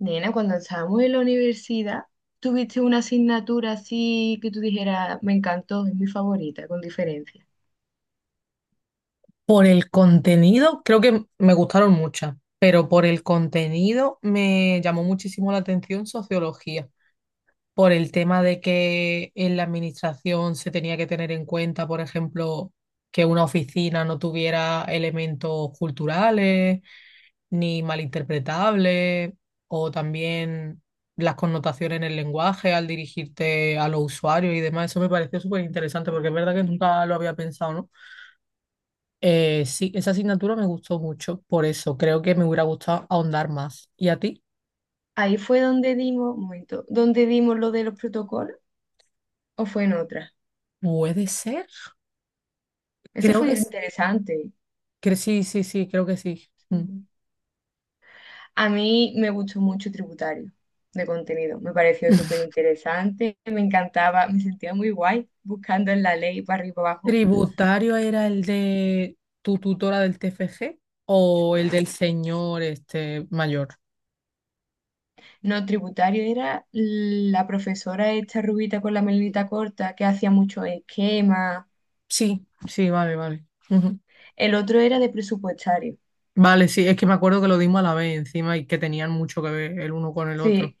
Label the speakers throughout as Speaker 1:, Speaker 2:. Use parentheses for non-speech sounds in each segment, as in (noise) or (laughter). Speaker 1: Nena, cuando estábamos en la universidad, ¿tuviste una asignatura así que tú dijeras, me encantó, es mi favorita, con diferencia?
Speaker 2: Por el contenido, creo que me gustaron muchas, pero por el contenido me llamó muchísimo la atención sociología, por el tema de que en la administración se tenía que tener en cuenta, por ejemplo, que una oficina no tuviera elementos culturales ni malinterpretables, o también las connotaciones en el lenguaje al dirigirte a los usuarios y demás. Eso me pareció súper interesante porque es verdad que nunca lo había pensado, ¿no? Sí, esa asignatura me gustó mucho, por eso creo que me hubiera gustado ahondar más. ¿Y a ti?
Speaker 1: Ahí fue donde dimos, un momento, donde dimos lo de los protocolos, o fue en otra.
Speaker 2: ¿Puede ser?
Speaker 1: Eso
Speaker 2: Creo
Speaker 1: fue
Speaker 2: que sí.
Speaker 1: interesante.
Speaker 2: Sí, sí, sí, creo que sí. Mm.
Speaker 1: Ujú. A mí me gustó mucho tributario de contenido, me pareció súper
Speaker 2: (laughs)
Speaker 1: interesante, me encantaba, me sentía muy guay buscando en la ley para arriba y para abajo.
Speaker 2: ¿Tributario era el de tu tutora del TFG o el del señor este mayor?
Speaker 1: No, tributario era la profesora esta rubita con la melenita corta que hacía muchos esquemas.
Speaker 2: Sí, sí, vale, vale. Ujú.
Speaker 1: El otro era de presupuestario.
Speaker 2: Vale, sí, es que me acuerdo que lo dimos a la vez encima y que tenían mucho que ver el uno con el otro.
Speaker 1: Sí,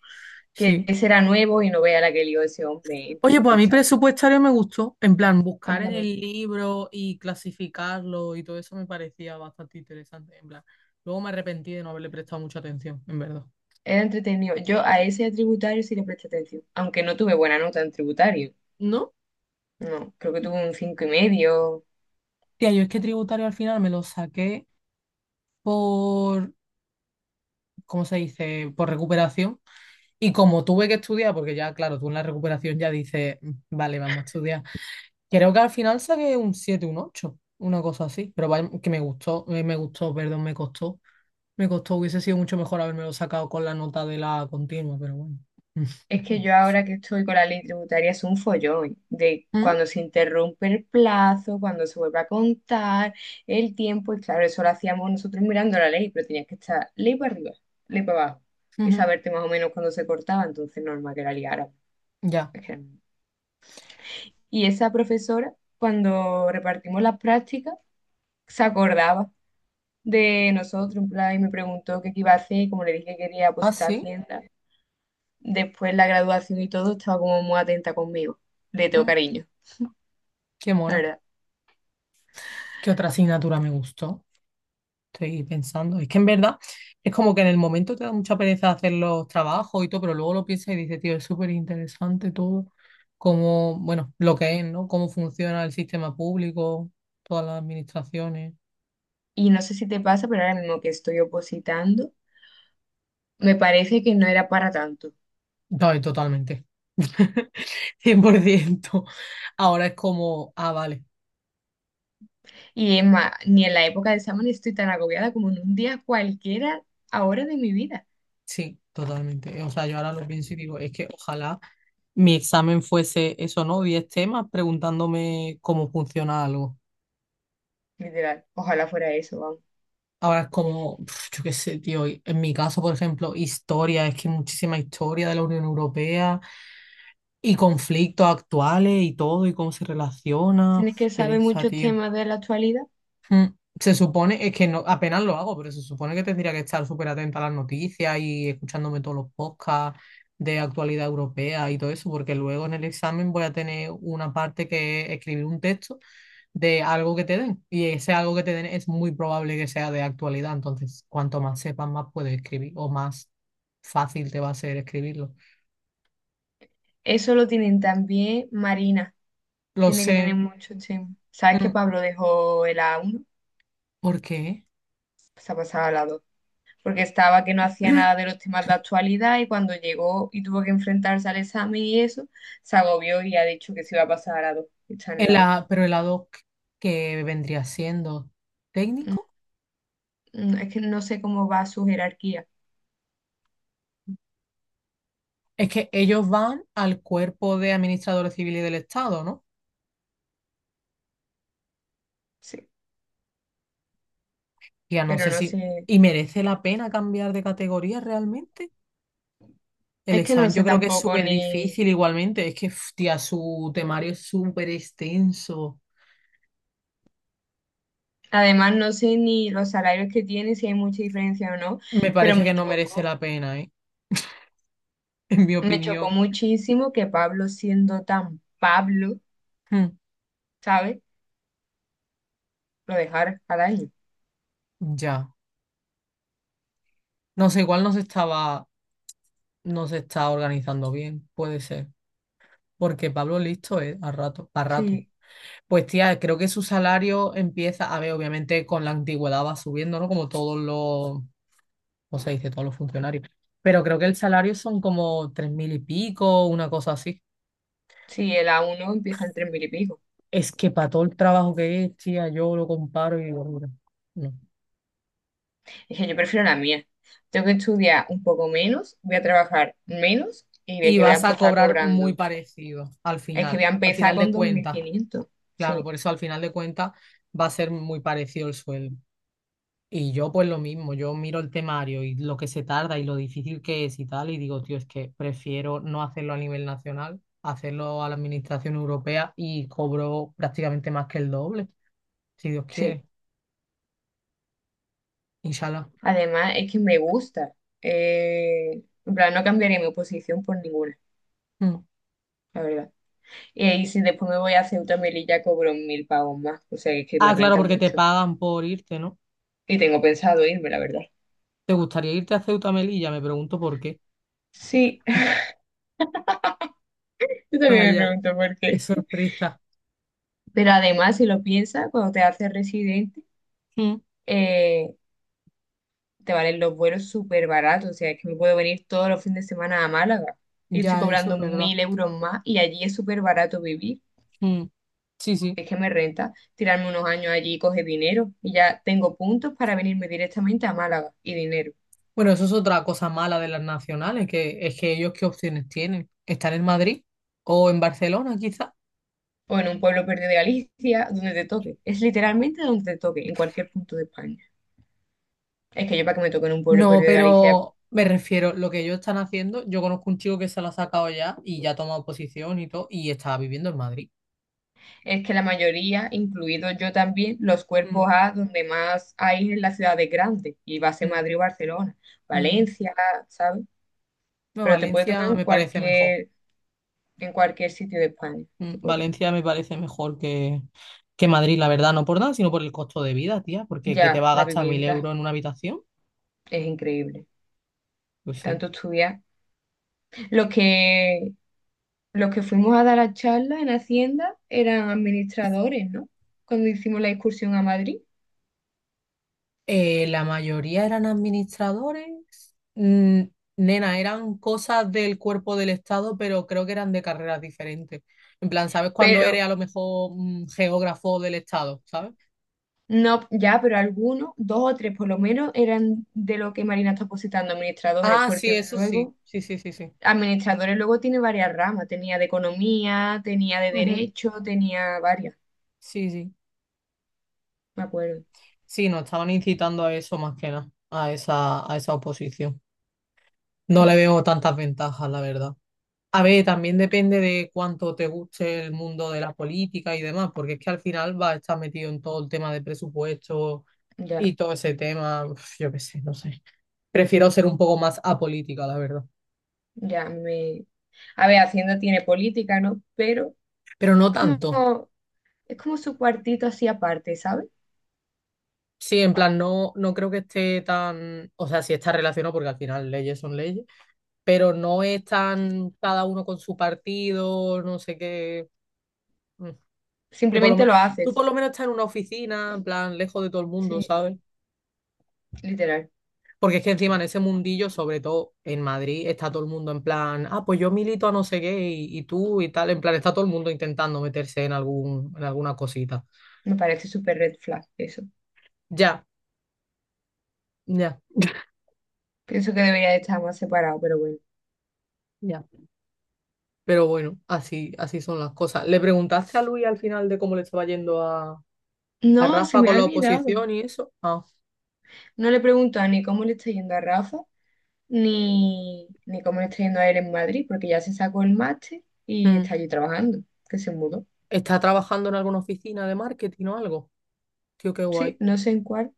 Speaker 1: que
Speaker 2: Sí.
Speaker 1: ese era nuevo y no vea la que lió ese hombre en
Speaker 2: Oye, pues a mí
Speaker 1: presupuestario.
Speaker 2: presupuestario me gustó, en plan,
Speaker 1: A mí
Speaker 2: buscar en el
Speaker 1: también.
Speaker 2: libro y clasificarlo y todo eso me parecía bastante interesante, en plan. Luego me arrepentí de no haberle prestado mucha atención, en verdad.
Speaker 1: Era entretenido. Yo a ese tributario sí le presté atención, aunque no tuve buena nota en tributario.
Speaker 2: ¿No?
Speaker 1: No, creo que tuve un 5,5.
Speaker 2: Tía, yo es que tributario al final me lo saqué por, ¿cómo se dice? Por recuperación. Y como tuve que estudiar, porque ya, claro, tú en la recuperación ya dices, "Mm, vale, vamos a estudiar. Creo que al final saqué un 7, un 8, una cosa así, pero vaya, que me gustó, perdón, me costó. Me costó, hubiese sido mucho mejor haberme sacado con la nota de la continua, pero bueno.
Speaker 1: Es que
Speaker 2: (laughs)
Speaker 1: yo ahora que estoy con la ley tributaria es un follón de
Speaker 2: Mm,
Speaker 1: cuando se interrumpe el plazo, cuando se vuelve a contar el tiempo, y claro, eso lo hacíamos nosotros mirando la ley, pero tenías que estar ley para arriba, ley para abajo, y
Speaker 2: ujú,
Speaker 1: saberte más o menos cuándo se cortaba, entonces normal que la liara.
Speaker 2: ya.
Speaker 1: No. Y esa profesora, cuando repartimos las prácticas, se acordaba de nosotros, en plan, y me preguntó qué iba a hacer, y como le dije que quería
Speaker 2: Ah,
Speaker 1: pues a
Speaker 2: sí.
Speaker 1: Hacienda, después la graduación y todo, estaba como muy atenta conmigo. Le tengo
Speaker 2: Mm.
Speaker 1: cariño,
Speaker 2: Qué
Speaker 1: la
Speaker 2: mona.
Speaker 1: verdad.
Speaker 2: ¿Qué otra asignatura me gustó? Estoy pensando. Es que en verdad es como que en el momento te da mucha pereza hacer los trabajos y todo, pero luego lo piensas y dices, tío, es súper interesante todo. Cómo, bueno, lo que es, ¿no? Cómo funciona el sistema público, todas las administraciones.
Speaker 1: Y no sé si te pasa, pero ahora mismo que estoy opositando, me parece que no era para tanto.
Speaker 2: No, y totalmente. (laughs) 100%. Ahora es como, ah, vale.
Speaker 1: Y es más, ni en la época de examen estoy tan agobiada como en un día cualquiera ahora de mi vida.
Speaker 2: Sí, totalmente. O sea, yo ahora lo pienso y digo, es que ojalá mi examen fuese eso, ¿no? 10 temas preguntándome cómo funciona algo.
Speaker 1: Literal, ojalá fuera eso, vamos.
Speaker 2: Ahora es como, pf, yo qué sé, tío, y en mi caso, por ejemplo, historia, es que muchísima historia de la Unión Europea y conflictos actuales y todo y cómo se relaciona. Uf,
Speaker 1: Tienes que saber
Speaker 2: pereza,
Speaker 1: muchos
Speaker 2: tío.
Speaker 1: temas de la actualidad.
Speaker 2: Mm. Se supone, es que no, apenas lo hago, pero se supone que tendría que estar súper atenta a las noticias y escuchándome todos los podcasts de actualidad europea y todo eso, porque luego en el examen voy a tener una parte que es escribir un texto de algo que te den. Y ese algo que te den es muy probable que sea de actualidad. Entonces, cuanto más sepas, más puedes escribir o más fácil te va a ser escribirlo.
Speaker 1: Eso lo tienen también Marina.
Speaker 2: Lo
Speaker 1: Tiene que tener
Speaker 2: sé.
Speaker 1: muchos temas. ¿Sabes
Speaker 2: Mm.
Speaker 1: que Pablo dejó el A1?
Speaker 2: ¿Por qué?
Speaker 1: Se ha pasado al A2 porque estaba que no hacía nada de
Speaker 2: (clears throat)
Speaker 1: los temas de actualidad y cuando llegó y tuvo que enfrentarse al examen y eso, se agobió y ha dicho que se iba a pasar a la dos, que está en el lado.
Speaker 2: Pero el ad hoc que vendría siendo técnico.
Speaker 1: Es que no sé cómo va su jerarquía,
Speaker 2: Es que ellos van al cuerpo de administradores civiles del Estado, ¿no?
Speaker 1: sí,
Speaker 2: Ya no
Speaker 1: pero
Speaker 2: sé
Speaker 1: no
Speaker 2: si...
Speaker 1: sé,
Speaker 2: ¿Y merece la pena cambiar de categoría realmente? El
Speaker 1: es que no
Speaker 2: examen yo
Speaker 1: sé
Speaker 2: creo que es
Speaker 1: tampoco
Speaker 2: súper
Speaker 1: ni,
Speaker 2: difícil igualmente. Es que, hostia, su temario es súper extenso.
Speaker 1: además no sé ni los salarios que tiene, si hay mucha diferencia o no,
Speaker 2: Me
Speaker 1: pero me
Speaker 2: parece que no merece
Speaker 1: chocó,
Speaker 2: la pena, ¿eh? (laughs) En mi opinión.
Speaker 1: muchísimo que Pablo siendo tan Pablo,
Speaker 2: Hmm.
Speaker 1: ¿sabes? Lo dejara al año.
Speaker 2: Ya. No sé, igual no se estaba... No se está organizando bien, puede ser. Porque Pablo listo es a rato, a rato.
Speaker 1: Sí,
Speaker 2: Pues tía, creo que su salario empieza, a ver, obviamente con la antigüedad va subiendo, ¿no? Como todos los, ¿cómo se dice? Todos los funcionarios. Pero creo que el salario son como 3.000 y pico, una cosa así.
Speaker 1: sí, el A1 empieza en tres mil y pico.
Speaker 2: Es que para todo el trabajo que es, tía, yo lo comparo y digo, mira, no.
Speaker 1: Dije, yo prefiero la mía. Tengo que estudiar un poco menos, voy a trabajar menos y de
Speaker 2: Y
Speaker 1: que voy a
Speaker 2: vas a
Speaker 1: empezar
Speaker 2: cobrar muy
Speaker 1: cobrando.
Speaker 2: parecido
Speaker 1: Es que voy a
Speaker 2: al
Speaker 1: empezar
Speaker 2: final de
Speaker 1: con dos mil
Speaker 2: cuentas.
Speaker 1: quinientos
Speaker 2: Claro,
Speaker 1: Sí,
Speaker 2: por eso al final de cuentas va a ser muy parecido el sueldo. Y yo pues lo mismo, yo miro el temario y lo que se tarda y lo difícil que es y tal, y digo, tío, es que prefiero no hacerlo a nivel nacional, hacerlo a la administración europea y cobro prácticamente más que el doble, si Dios
Speaker 1: sí.
Speaker 2: quiere, inshallah.
Speaker 1: Además, es que me gusta. En plan, no cambiaría mi posición por ninguna,
Speaker 2: Mm.
Speaker 1: la verdad. Y ahí, si después me voy a Ceuta y Melilla, cobro 1000 pavos más. O sea, es que me
Speaker 2: Ah, claro,
Speaker 1: renta
Speaker 2: porque te
Speaker 1: mucho.
Speaker 2: pagan por irte, ¿no?
Speaker 1: Y tengo pensado irme, la verdad.
Speaker 2: ¿Te gustaría irte a Ceuta Melilla? Me pregunto por qué.
Speaker 1: Sí, (laughs)
Speaker 2: (laughs)
Speaker 1: yo también me
Speaker 2: Vaya,
Speaker 1: pregunto por
Speaker 2: qué
Speaker 1: qué.
Speaker 2: sorpresa.
Speaker 1: Pero además, si lo piensas, cuando te haces residente,
Speaker 2: Mm.
Speaker 1: eh, te valen los vuelos súper baratos, o sea, es que me puedo venir todos los fines de semana a Málaga. Yo estoy
Speaker 2: Ya, eso es
Speaker 1: cobrando
Speaker 2: verdad.
Speaker 1: 1000 euros más y allí es súper barato vivir.
Speaker 2: Mm. Sí, sí.
Speaker 1: Es que me renta tirarme unos años allí y coger dinero. Y ya tengo puntos para venirme directamente a Málaga y dinero.
Speaker 2: Bueno, eso es otra cosa mala de las nacionales, que es que ellos qué opciones tienen. ¿Están en Madrid o en Barcelona, quizá?
Speaker 1: O en un pueblo perdido de Galicia, donde te toque. Es literalmente donde te toque, en cualquier punto de España. Es que yo para que me toque en un pueblo
Speaker 2: No,
Speaker 1: perdido de Galicia,
Speaker 2: pero me refiero, lo que ellos están haciendo, yo conozco un chico que se lo ha sacado ya y ya ha tomado posición y todo, y está viviendo en Madrid.
Speaker 1: es que la mayoría, incluido yo también, los
Speaker 2: Mm,
Speaker 1: cuerpos A donde más hay es en las ciudades grandes, y va a ser
Speaker 2: mm,
Speaker 1: Madrid o Barcelona,
Speaker 2: mm.
Speaker 1: Valencia, ¿sabes?
Speaker 2: No,
Speaker 1: Pero te puede tocar
Speaker 2: Valencia
Speaker 1: en
Speaker 2: me parece mejor.
Speaker 1: cualquier, sitio de España, te
Speaker 2: Mm,
Speaker 1: puede tocar.
Speaker 2: Valencia me parece mejor que Madrid, la verdad, no por nada, sino por el costo de vida, tía, porque que te
Speaker 1: Ya,
Speaker 2: va a
Speaker 1: la
Speaker 2: gastar mil
Speaker 1: vivienda
Speaker 2: euros en una habitación,
Speaker 1: es increíble,
Speaker 2: pues sí.
Speaker 1: tanto estudiar. Los que, los que fuimos a dar la charla en Hacienda eran administradores, ¿no? Cuando hicimos la excursión a Madrid.
Speaker 2: La mayoría eran administradores. Mm, nena, eran cosas del cuerpo del Estado, pero creo que eran de carreras diferentes. En plan, ¿sabes cuando eres
Speaker 1: Pero
Speaker 2: a lo mejor geógrafo del Estado? ¿Sabes?
Speaker 1: no, ya, pero algunos, dos o tres por lo menos, eran de lo que Marina está positando, administradores,
Speaker 2: Ah, sí,
Speaker 1: porque
Speaker 2: eso sí.
Speaker 1: luego,
Speaker 2: Sí, sí, sí, sí.
Speaker 1: administradores luego tiene varias ramas, tenía de economía, tenía de
Speaker 2: Ujú.
Speaker 1: derecho, tenía varias,
Speaker 2: Sí, sí.
Speaker 1: me acuerdo.
Speaker 2: Sí, nos estaban incitando a eso más que nada, a esa oposición. No le
Speaker 1: (laughs)
Speaker 2: veo tantas ventajas, la verdad. A ver, también depende de cuánto te guste el mundo de la política y demás, porque es que al final vas a estar metido en todo el tema de presupuesto
Speaker 1: Ya,
Speaker 2: y todo ese tema, uf, yo qué sé, no sé. Prefiero ser un poco más apolítica, la verdad.
Speaker 1: ya me... A ver, Hacienda tiene política, ¿no? Pero
Speaker 2: Pero
Speaker 1: es
Speaker 2: no tanto.
Speaker 1: como, su cuartito así aparte, ¿sabes?
Speaker 2: Sí, en plan, no, no creo que esté tan, o sea, sí está relacionado porque al final leyes son leyes, pero no es tan cada uno con su partido, no sé qué. Mm. Que por lo
Speaker 1: Simplemente
Speaker 2: menos,
Speaker 1: lo
Speaker 2: tú
Speaker 1: haces,
Speaker 2: por lo menos estás en una oficina, en plan, lejos de todo el mundo,
Speaker 1: sí,
Speaker 2: ¿sabes?
Speaker 1: literal.
Speaker 2: Porque es que encima en ese mundillo, sobre todo en Madrid, está todo el mundo en plan, ah, pues yo milito a no sé qué y tú y tal, en plan, está todo el mundo intentando meterse en algún, en alguna cosita.
Speaker 1: Me parece súper red flag eso.
Speaker 2: Ya, ya,
Speaker 1: Pienso que debería de estar más separado, pero bueno.
Speaker 2: ya. Pero bueno, así, así son las cosas. ¿Le preguntaste a Luis al final de cómo le estaba yendo a,
Speaker 1: No, se
Speaker 2: Rafa
Speaker 1: me ha
Speaker 2: con la
Speaker 1: olvidado.
Speaker 2: oposición y eso? Ah,
Speaker 1: No le pregunta ni cómo le está yendo a Rafa, ni cómo le está yendo a él en Madrid, porque ya se sacó el máster y
Speaker 2: mm.
Speaker 1: está allí trabajando, que se mudó.
Speaker 2: ¿Está trabajando en alguna oficina de marketing o algo? Tío, qué
Speaker 1: Sí,
Speaker 2: guay.
Speaker 1: no sé en cuál,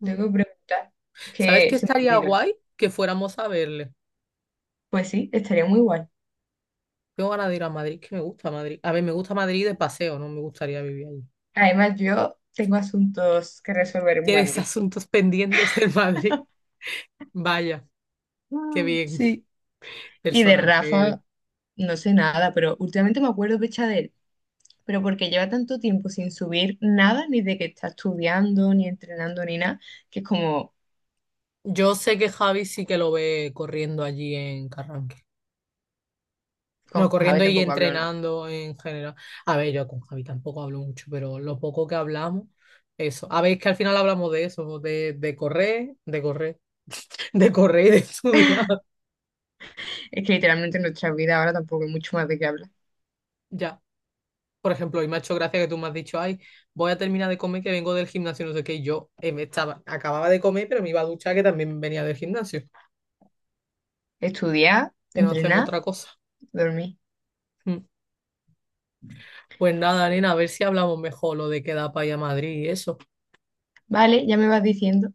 Speaker 2: Mm.
Speaker 1: tengo que preguntar, es
Speaker 2: ¿Sabes
Speaker 1: que
Speaker 2: qué
Speaker 1: se me
Speaker 2: estaría
Speaker 1: olvida.
Speaker 2: guay? Que fuéramos a verle.
Speaker 1: Pues sí, estaría muy guay.
Speaker 2: Tengo ganas de ir a Madrid, que me gusta Madrid. A ver, me gusta Madrid de paseo, no me gustaría vivir allí.
Speaker 1: Además, yo tengo asuntos que resolver en
Speaker 2: Tienes (laughs)
Speaker 1: Madrid.
Speaker 2: asuntos pendientes en Madrid. Vaya, qué
Speaker 1: Mm,
Speaker 2: bien
Speaker 1: sí. Y de
Speaker 2: personaje eres.
Speaker 1: Rafa, no sé nada, pero últimamente me acuerdo pecha de él, pero porque lleva tanto tiempo sin subir nada, ni de que está estudiando, ni entrenando, ni nada, que es como...
Speaker 2: Yo sé que Javi sí que lo ve corriendo allí en Carranque. Bueno,
Speaker 1: Con Javi
Speaker 2: corriendo y
Speaker 1: tampoco hablo nada.
Speaker 2: entrenando en general. A ver, yo con Javi tampoco hablo mucho, pero lo poco que hablamos, eso. A ver, es que al final hablamos de eso, de correr, de correr, (laughs) de correr y de estudiar.
Speaker 1: Es que literalmente en nuestra vida ahora tampoco hay mucho más de qué hablar.
Speaker 2: Ya. Por ejemplo, y me ha hecho gracia que tú me has dicho, ay, voy a terminar de comer que vengo del gimnasio, no sé qué, y yo acababa de comer, pero me iba a duchar que también venía del gimnasio,
Speaker 1: Estudiar,
Speaker 2: que no hacemos
Speaker 1: entrenar,
Speaker 2: otra cosa.
Speaker 1: dormir.
Speaker 2: Mm. Pues nada, nena, a ver si hablamos mejor lo de quedar para ir a Madrid y eso.
Speaker 1: Vale, ya me vas diciendo.